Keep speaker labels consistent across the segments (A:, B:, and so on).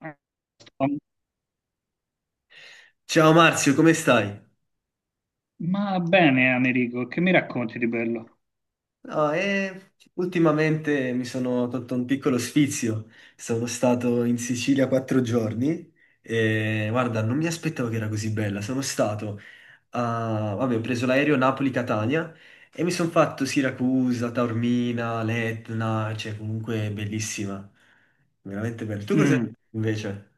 A: Eh,
B: Ciao Marzio, come stai?
A: Ma bene, Americo, che mi racconti di bello?
B: No, ultimamente mi sono tolto un piccolo sfizio. Sono stato in Sicilia quattro giorni e guarda, non mi aspettavo che era così bella. Sono stato a... vabbè, ho preso l'aereo Napoli-Catania e mi sono fatto Siracusa, Taormina, l'Etna, cioè comunque bellissima. Veramente bella. Tu cosa
A: Mm.
B: invece?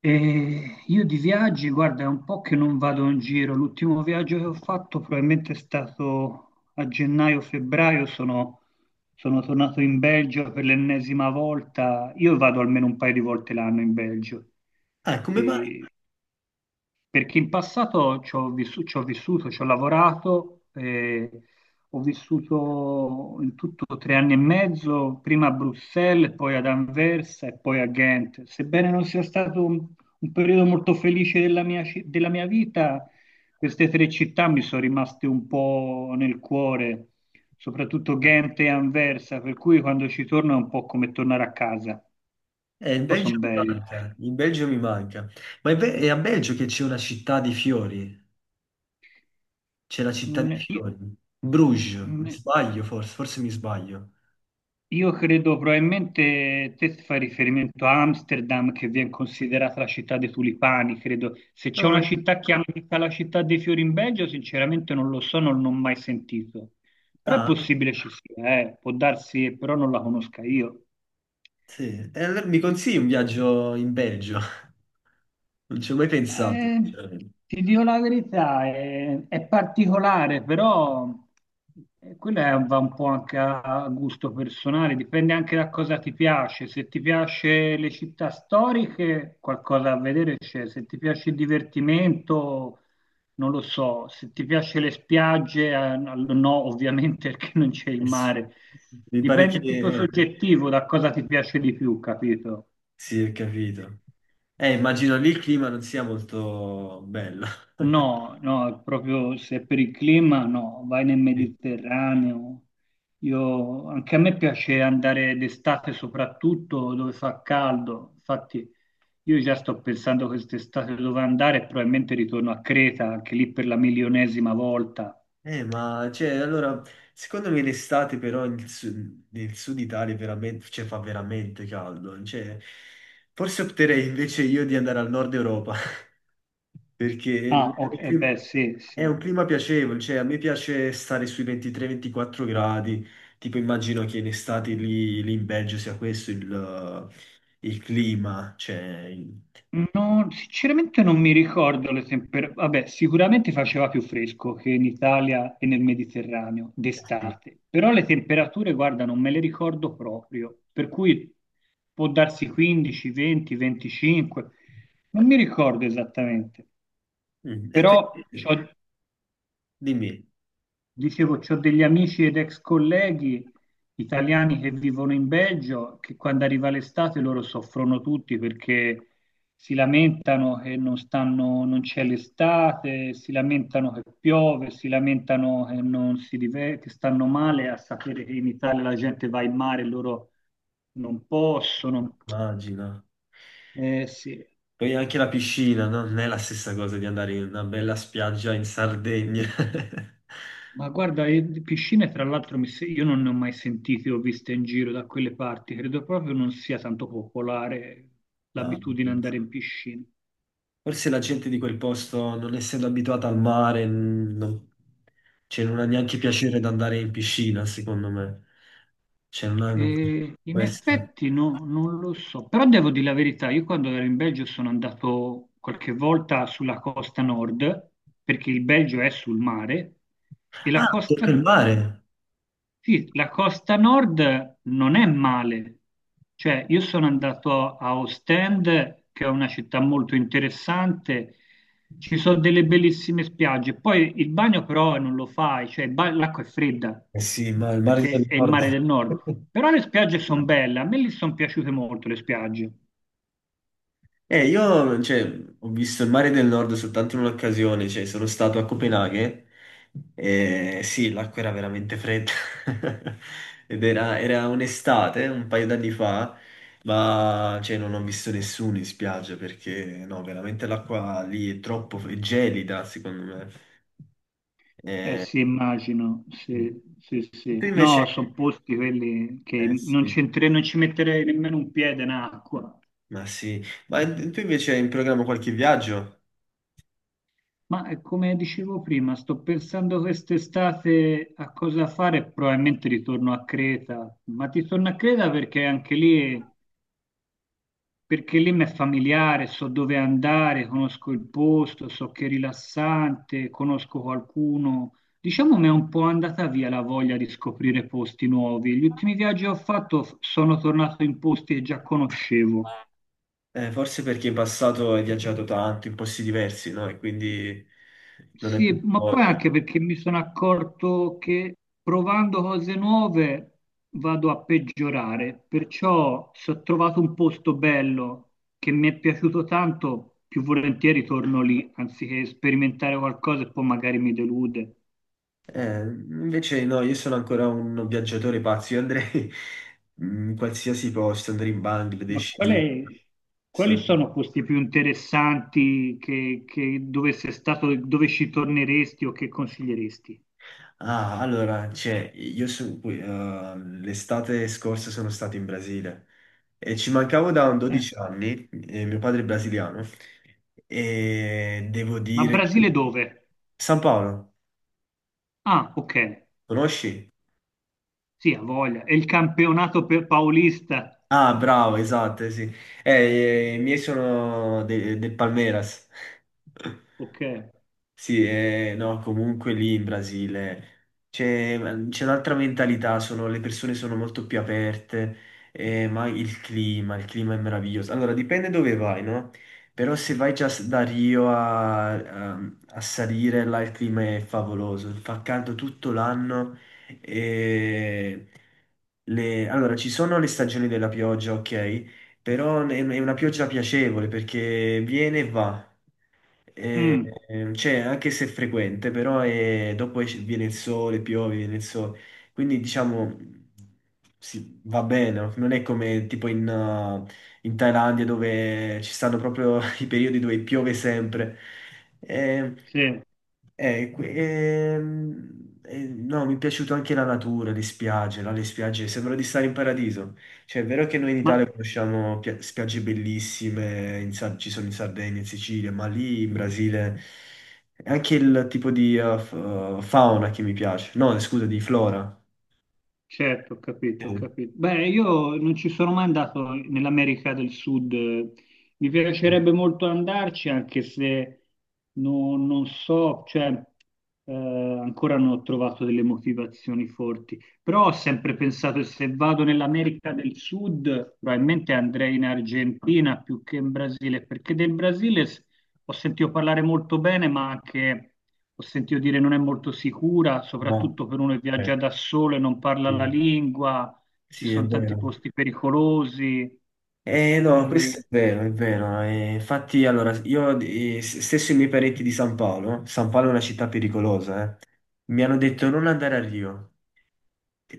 A: E io di viaggi, guarda, è un po' che non vado in giro. L'ultimo viaggio che ho fatto probabilmente è stato a gennaio-febbraio. Sono tornato in Belgio per l'ennesima volta. Io vado almeno un paio di volte l'anno in Belgio.
B: Ah, come mai?
A: E Perché in passato ci ho vissuto, ci ho lavorato, ho vissuto in tutto tre anni e mezzo, prima a Bruxelles, poi ad Anversa e poi a Ghent. Sebbene non sia stato un periodo molto felice della mia vita, queste tre città mi sono rimaste un po' nel cuore, soprattutto Ghent e Anversa, per cui quando ci torno è un po' come tornare a casa.
B: Il
A: Poi sono
B: Belgio mi
A: belli.
B: manca, il Belgio mi manca. Ma è, è a Belgio che c'è una città di fiori. C'è la città dei
A: Mm, io-
B: fiori. Bruges, mi
A: mm,
B: sbaglio forse, forse mi sbaglio.
A: Io credo probabilmente te fai riferimento a Amsterdam che viene considerata la città dei tulipani, credo. Se c'è
B: No,
A: una città che chiamata la città dei fiori in Belgio, sinceramente non lo so, non l'ho mai sentito. Però è
B: ah,
A: possibile ci sia, può darsi, però non la conosca io.
B: sì. E allora mi consigli un viaggio in Belgio? Non ci ho mai
A: Ma,
B: pensato,
A: eh,
B: sinceramente.
A: ti dico la verità, è particolare, però va un po' anche a gusto personale, dipende anche da cosa ti piace. Se ti piace le città storiche, qualcosa a vedere c'è. Se ti piace il divertimento, non lo so. Se ti piace le spiagge, no, no, ovviamente perché non c'è il
B: Eh sì.
A: mare.
B: Mi pare che...
A: Dipende è tutto soggettivo da cosa ti piace di più, capito?
B: sì, ho capito. Immagino lì il clima non sia molto bello.
A: No, no, proprio se per il clima no, vai nel
B: Sì.
A: Mediterraneo. Io, anche a me piace andare d'estate soprattutto dove fa caldo. Infatti io già sto pensando quest'estate dove andare, e probabilmente ritorno a Creta, anche lì per la milionesima volta.
B: Ma cioè, allora, secondo me l'estate però nel sud Italia è veramente, cioè, fa veramente caldo. Cioè, forse opterei invece io di andare al nord Europa, perché
A: Ah,
B: è
A: ok,
B: un
A: eh beh, sì,
B: è
A: sì.
B: un clima piacevole, cioè a me piace stare sui 23-24 gradi, tipo immagino che in estate lì in Belgio sia questo il clima, cioè... il-
A: No, sinceramente non mi ricordo le temperature. Vabbè, sicuramente faceva più fresco che in Italia e nel Mediterraneo
B: sì.
A: d'estate, però le temperature, guarda, non me le ricordo proprio, per cui può darsi 15, 20, 25, non mi ricordo esattamente,
B: Mm. E tu
A: però c'ho-
B: dimmi,
A: dicevo, ho degli amici ed ex colleghi italiani che vivono in Belgio, che quando arriva l'estate loro soffrono tutti perché si lamentano che non stanno, non c'è l'estate, si lamentano che piove, si lamentano che non si diver- che stanno male a sapere che in Italia la gente va in mare e loro non possono.
B: immagina.
A: Sì.
B: Poi anche la piscina, no? Non è la stessa cosa di andare in una bella spiaggia in Sardegna.
A: Ma guarda, di piscine tra l'altro mi se- io non ne ho mai sentite, ho viste in giro da quelle parti, credo proprio non sia tanto popolare
B: No.
A: l'abitudine ad andare in piscina.
B: Forse la gente di quel posto, non essendo abituata al mare, non, cioè, non ha neanche piacere di andare in piscina, secondo me. Cioè, non hanno
A: E in
B: questo.
A: effetti no- non lo so, però devo dire la verità, io quando ero in Belgio sono andato qualche volta sulla costa nord, perché il Belgio è sul mare, e la
B: Ah, tocca il
A: costa...
B: mare.
A: Sì, la costa nord non è male, cioè io sono andato a Ostend, che è una città molto interessante, ci sono delle bellissime spiagge, poi il bagno però non lo fai, cioè l'acqua è fredda,
B: Eh sì, ma il mare
A: perché
B: del
A: è il
B: nord.
A: mare del nord, però le spiagge sono belle, a me lì sono piaciute molto le spiagge.
B: Io, cioè, ho visto il mare del Nord soltanto in un'occasione, cioè, sono stato a Copenaghen e sì, l'acqua era veramente fredda. Ed era, era un'estate, un paio d'anni fa, ma, cioè, non ho visto nessuno in spiaggia perché, no, veramente l'acqua lì è troppo è gelida, secondo me.
A: Eh
B: Eh,
A: sì, immagino, sì, sì,
B: tu
A: sì. No,
B: invece...
A: sono posti quelli
B: Eh
A: che non c'entre- non ci metterei nemmeno un piede in acqua.
B: sì. Ma tu invece hai in programma qualche viaggio?
A: Come dicevo prima, sto pensando quest'estate a cosa fare, probabilmente ritorno a Creta, ma ti torno a Creta perché anche lì, perché lì mi è familiare, so dove andare, conosco il posto, so che è rilassante, conosco qualcuno. Diciamo mi è un po' andata via la voglia di scoprire posti nuovi. Gli ultimi viaggi che ho fatto, sono tornato in posti che già conoscevo.
B: Forse perché in passato hai viaggiato tanto in posti diversi, no? E quindi non è
A: Sì,
B: più
A: ma poi
B: voglia.
A: anche perché mi sono accorto che provando cose nuove vado a peggiorare, perciò se ho trovato un posto bello che mi è piaciuto tanto, più volentieri torno lì, anziché sperimentare qualcosa e poi magari mi delude.
B: Invece no, io sono ancora un viaggiatore pazzo, io andrei in qualsiasi posto, andrei in
A: Ma
B: Bangladesh,
A: qual
B: lì.
A: è- quali
B: Sono-
A: sono posti più interessanti che dove sei stato, dove ci torneresti o che consiglieresti?
B: Ah, allora, cioè, qui, l'estate scorsa sono stato in Brasile e ci mancavo da un
A: Eh,
B: 12 anni, e mio padre è brasiliano, e devo
A: Ma
B: dire che...
A: Brasile dove?
B: San Paolo,
A: Ah, ok.
B: conosci?
A: Sì, ha voglia. È il campionato per paulista.
B: Ah, bravo, esatto, eh sì. Eh, i miei sono del Palmeiras.
A: Ok.
B: Sì, no, comunque lì in Brasile c'è c'è un'altra mentalità, sono- le persone sono molto più aperte, ma il clima è meraviglioso. Allora, dipende dove vai, no? Però se vai già da Rio a, a salire, là il clima è favoloso, fa caldo tutto l'anno. E allora, ci sono le stagioni della pioggia, ok? Però è una pioggia piacevole perché viene e va. E,
A: Mm,
B: cioè, anche se è frequente, però dopo viene il sole, piove, viene il sole. Quindi diciamo, sì, va bene, no? Non è come tipo in, in Thailandia dove ci stanno proprio i periodi dove piove sempre. Ehm,
A: sì.
B: no, mi è piaciuta anche la natura, le spiagge, là, le spiagge, sembra di stare in paradiso. Cioè, è vero che noi in Italia
A: Ma
B: conosciamo spiagge bellissime, in ci sono in Sardegna, in Sicilia, ma lì in Brasile è anche il tipo di fauna che mi piace. No, scusa, di flora.
A: certo, ho
B: Sì.
A: capito, ho capito. Beh, io non ci sono mai andato nell'America del Sud. Mi piacerebbe molto andarci, anche se non so, cioè, ancora non ho trovato delle motivazioni forti. Però ho sempre pensato che se vado nell'America del Sud, probabilmente andrei in Argentina più che in Brasile, perché del Brasile s- ho sentito parlare molto bene, ma anche ho sentito dire non è molto sicura,
B: No,
A: soprattutto per uno che
B: eh,
A: viaggia da solo e non parla la
B: sì,
A: lingua, ci
B: Sì, è
A: sono tanti
B: vero.
A: posti pericolosi.
B: Eh no,
A: Eh,
B: questo è vero, è vero. Infatti, allora, io stesso i miei parenti di San Paolo, San Paolo è una città pericolosa, mi hanno detto non andare a Rio.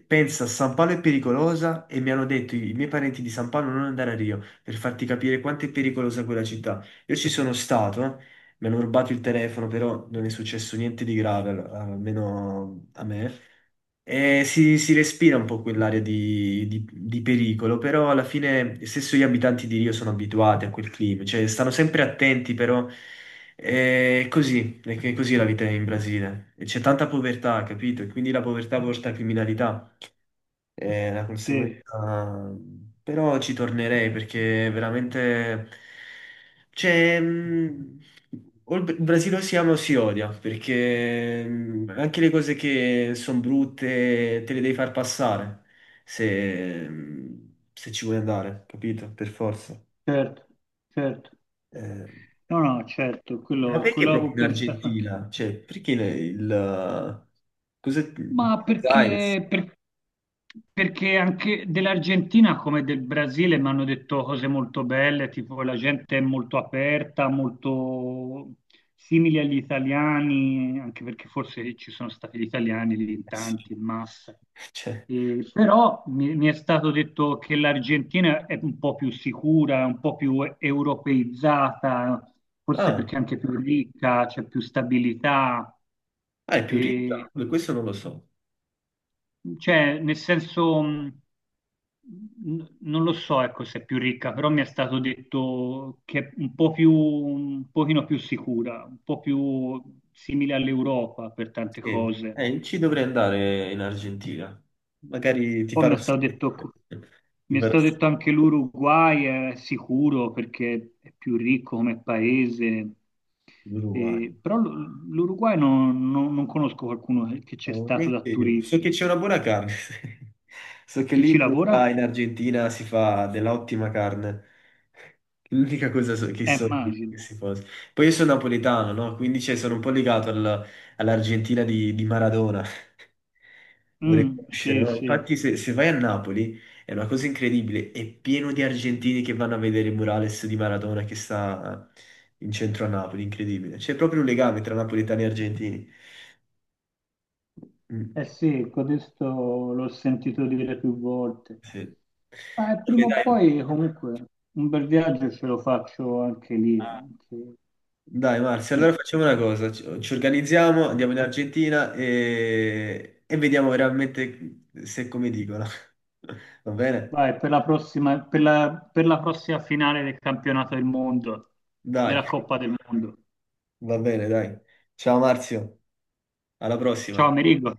B: Pensa, San Paolo è pericolosa e mi hanno detto i miei parenti di San Paolo non andare a Rio per farti capire quanto è pericolosa quella città. Io ci sono stato, mi hanno rubato il telefono, però non è successo niente di grave, almeno a me. E si respira un po' quell'area di, di pericolo, però alla fine stesso gli abitanti di Rio sono abituati a quel clima, cioè stanno sempre attenti, però è così, è così la vita in Brasile. E c'è tanta povertà, capito? E quindi la povertà porta a criminalità è la
A: sì,
B: conseguenza. Però ci tornerei perché veramente c'è o il Brasile o si ama o si odia, perché anche le cose che sono brutte te le devi far passare se, se ci vuoi andare, capito? Per forza.
A: certo, certo.
B: Eh,
A: No, no, certo,
B: ma
A: quello,
B: perché
A: quello
B: proprio
A: avevo
B: in
A: pensato anche.
B: Argentina? Cioè, perché il cos'è?
A: Ma
B: Buenos Aires?
A: perché, per- perché anche dell'Argentina come del Brasile mi hanno detto cose molto belle, tipo la gente è molto aperta, molto simile agli italiani, anche perché forse ci sono stati gli italiani lì in
B: Eh sì.
A: tanti, in massa.
B: Cioè,
A: Però mi è stato detto che l'Argentina è un po' più sicura, è un po' più europeizzata, forse
B: ah.
A: perché è anche più ricca, c'è più stabilità.
B: Ah, è più ricca? Beh, questo non lo so.
A: Cioè, nel senso, non lo so, ecco, se è più ricca, però mi è stato detto che è un po' più, un pochino più sicura, un po' più simile all'Europa per tante
B: Sì.
A: cose.
B: Ci dovrei andare in Argentina. Magari ti
A: Poi
B: farò
A: mi è stato
B: sapere.
A: detto, co-
B: Ti
A: mi è
B: farò
A: stato
B: sapere
A: detto anche l'Uruguay è sicuro perché è più ricco come paese. E-
B: l'Uruguay.
A: però l- l'Uruguay non conosco qualcuno che c'è stato da
B: Veramente io. So che
A: turista.
B: c'è una buona carne. So che
A: Chi
B: lì in
A: ci lavora?
B: Uruguay, in Argentina si fa dell'ottima carne. L'unica cosa che so di
A: Immagino.
B: queste cose. Poi io sono napoletano, no? Quindi cioè, sono un po' legato all'Argentina di Maradona. Vorrei
A: Mm,
B: conoscere,
A: sì,
B: no?
A: sì.
B: Infatti, se, se vai a Napoli è una cosa incredibile. È pieno di argentini che vanno a vedere il murales di Maradona che sta in centro a Napoli. Incredibile. C'è proprio un legame tra napoletani e argentini. Mm.
A: Eh sì, codesto l'ho sentito dire più volte.
B: Sì. Ok,
A: Prima o
B: dai.
A: poi, comunque, un bel viaggio ce lo faccio anche lì,
B: Dai Marzia, allora
A: anche
B: facciamo una
A: lì.
B: cosa, ci, ci organizziamo, andiamo in Argentina e vediamo veramente se è come dicono. Va bene?
A: Vai, per la prossima, per la prossima finale del campionato del mondo,
B: Dai,
A: della Coppa del Mondo.
B: va bene, dai. Ciao Marzio, alla
A: Ciao,
B: prossima.
A: Amerigo.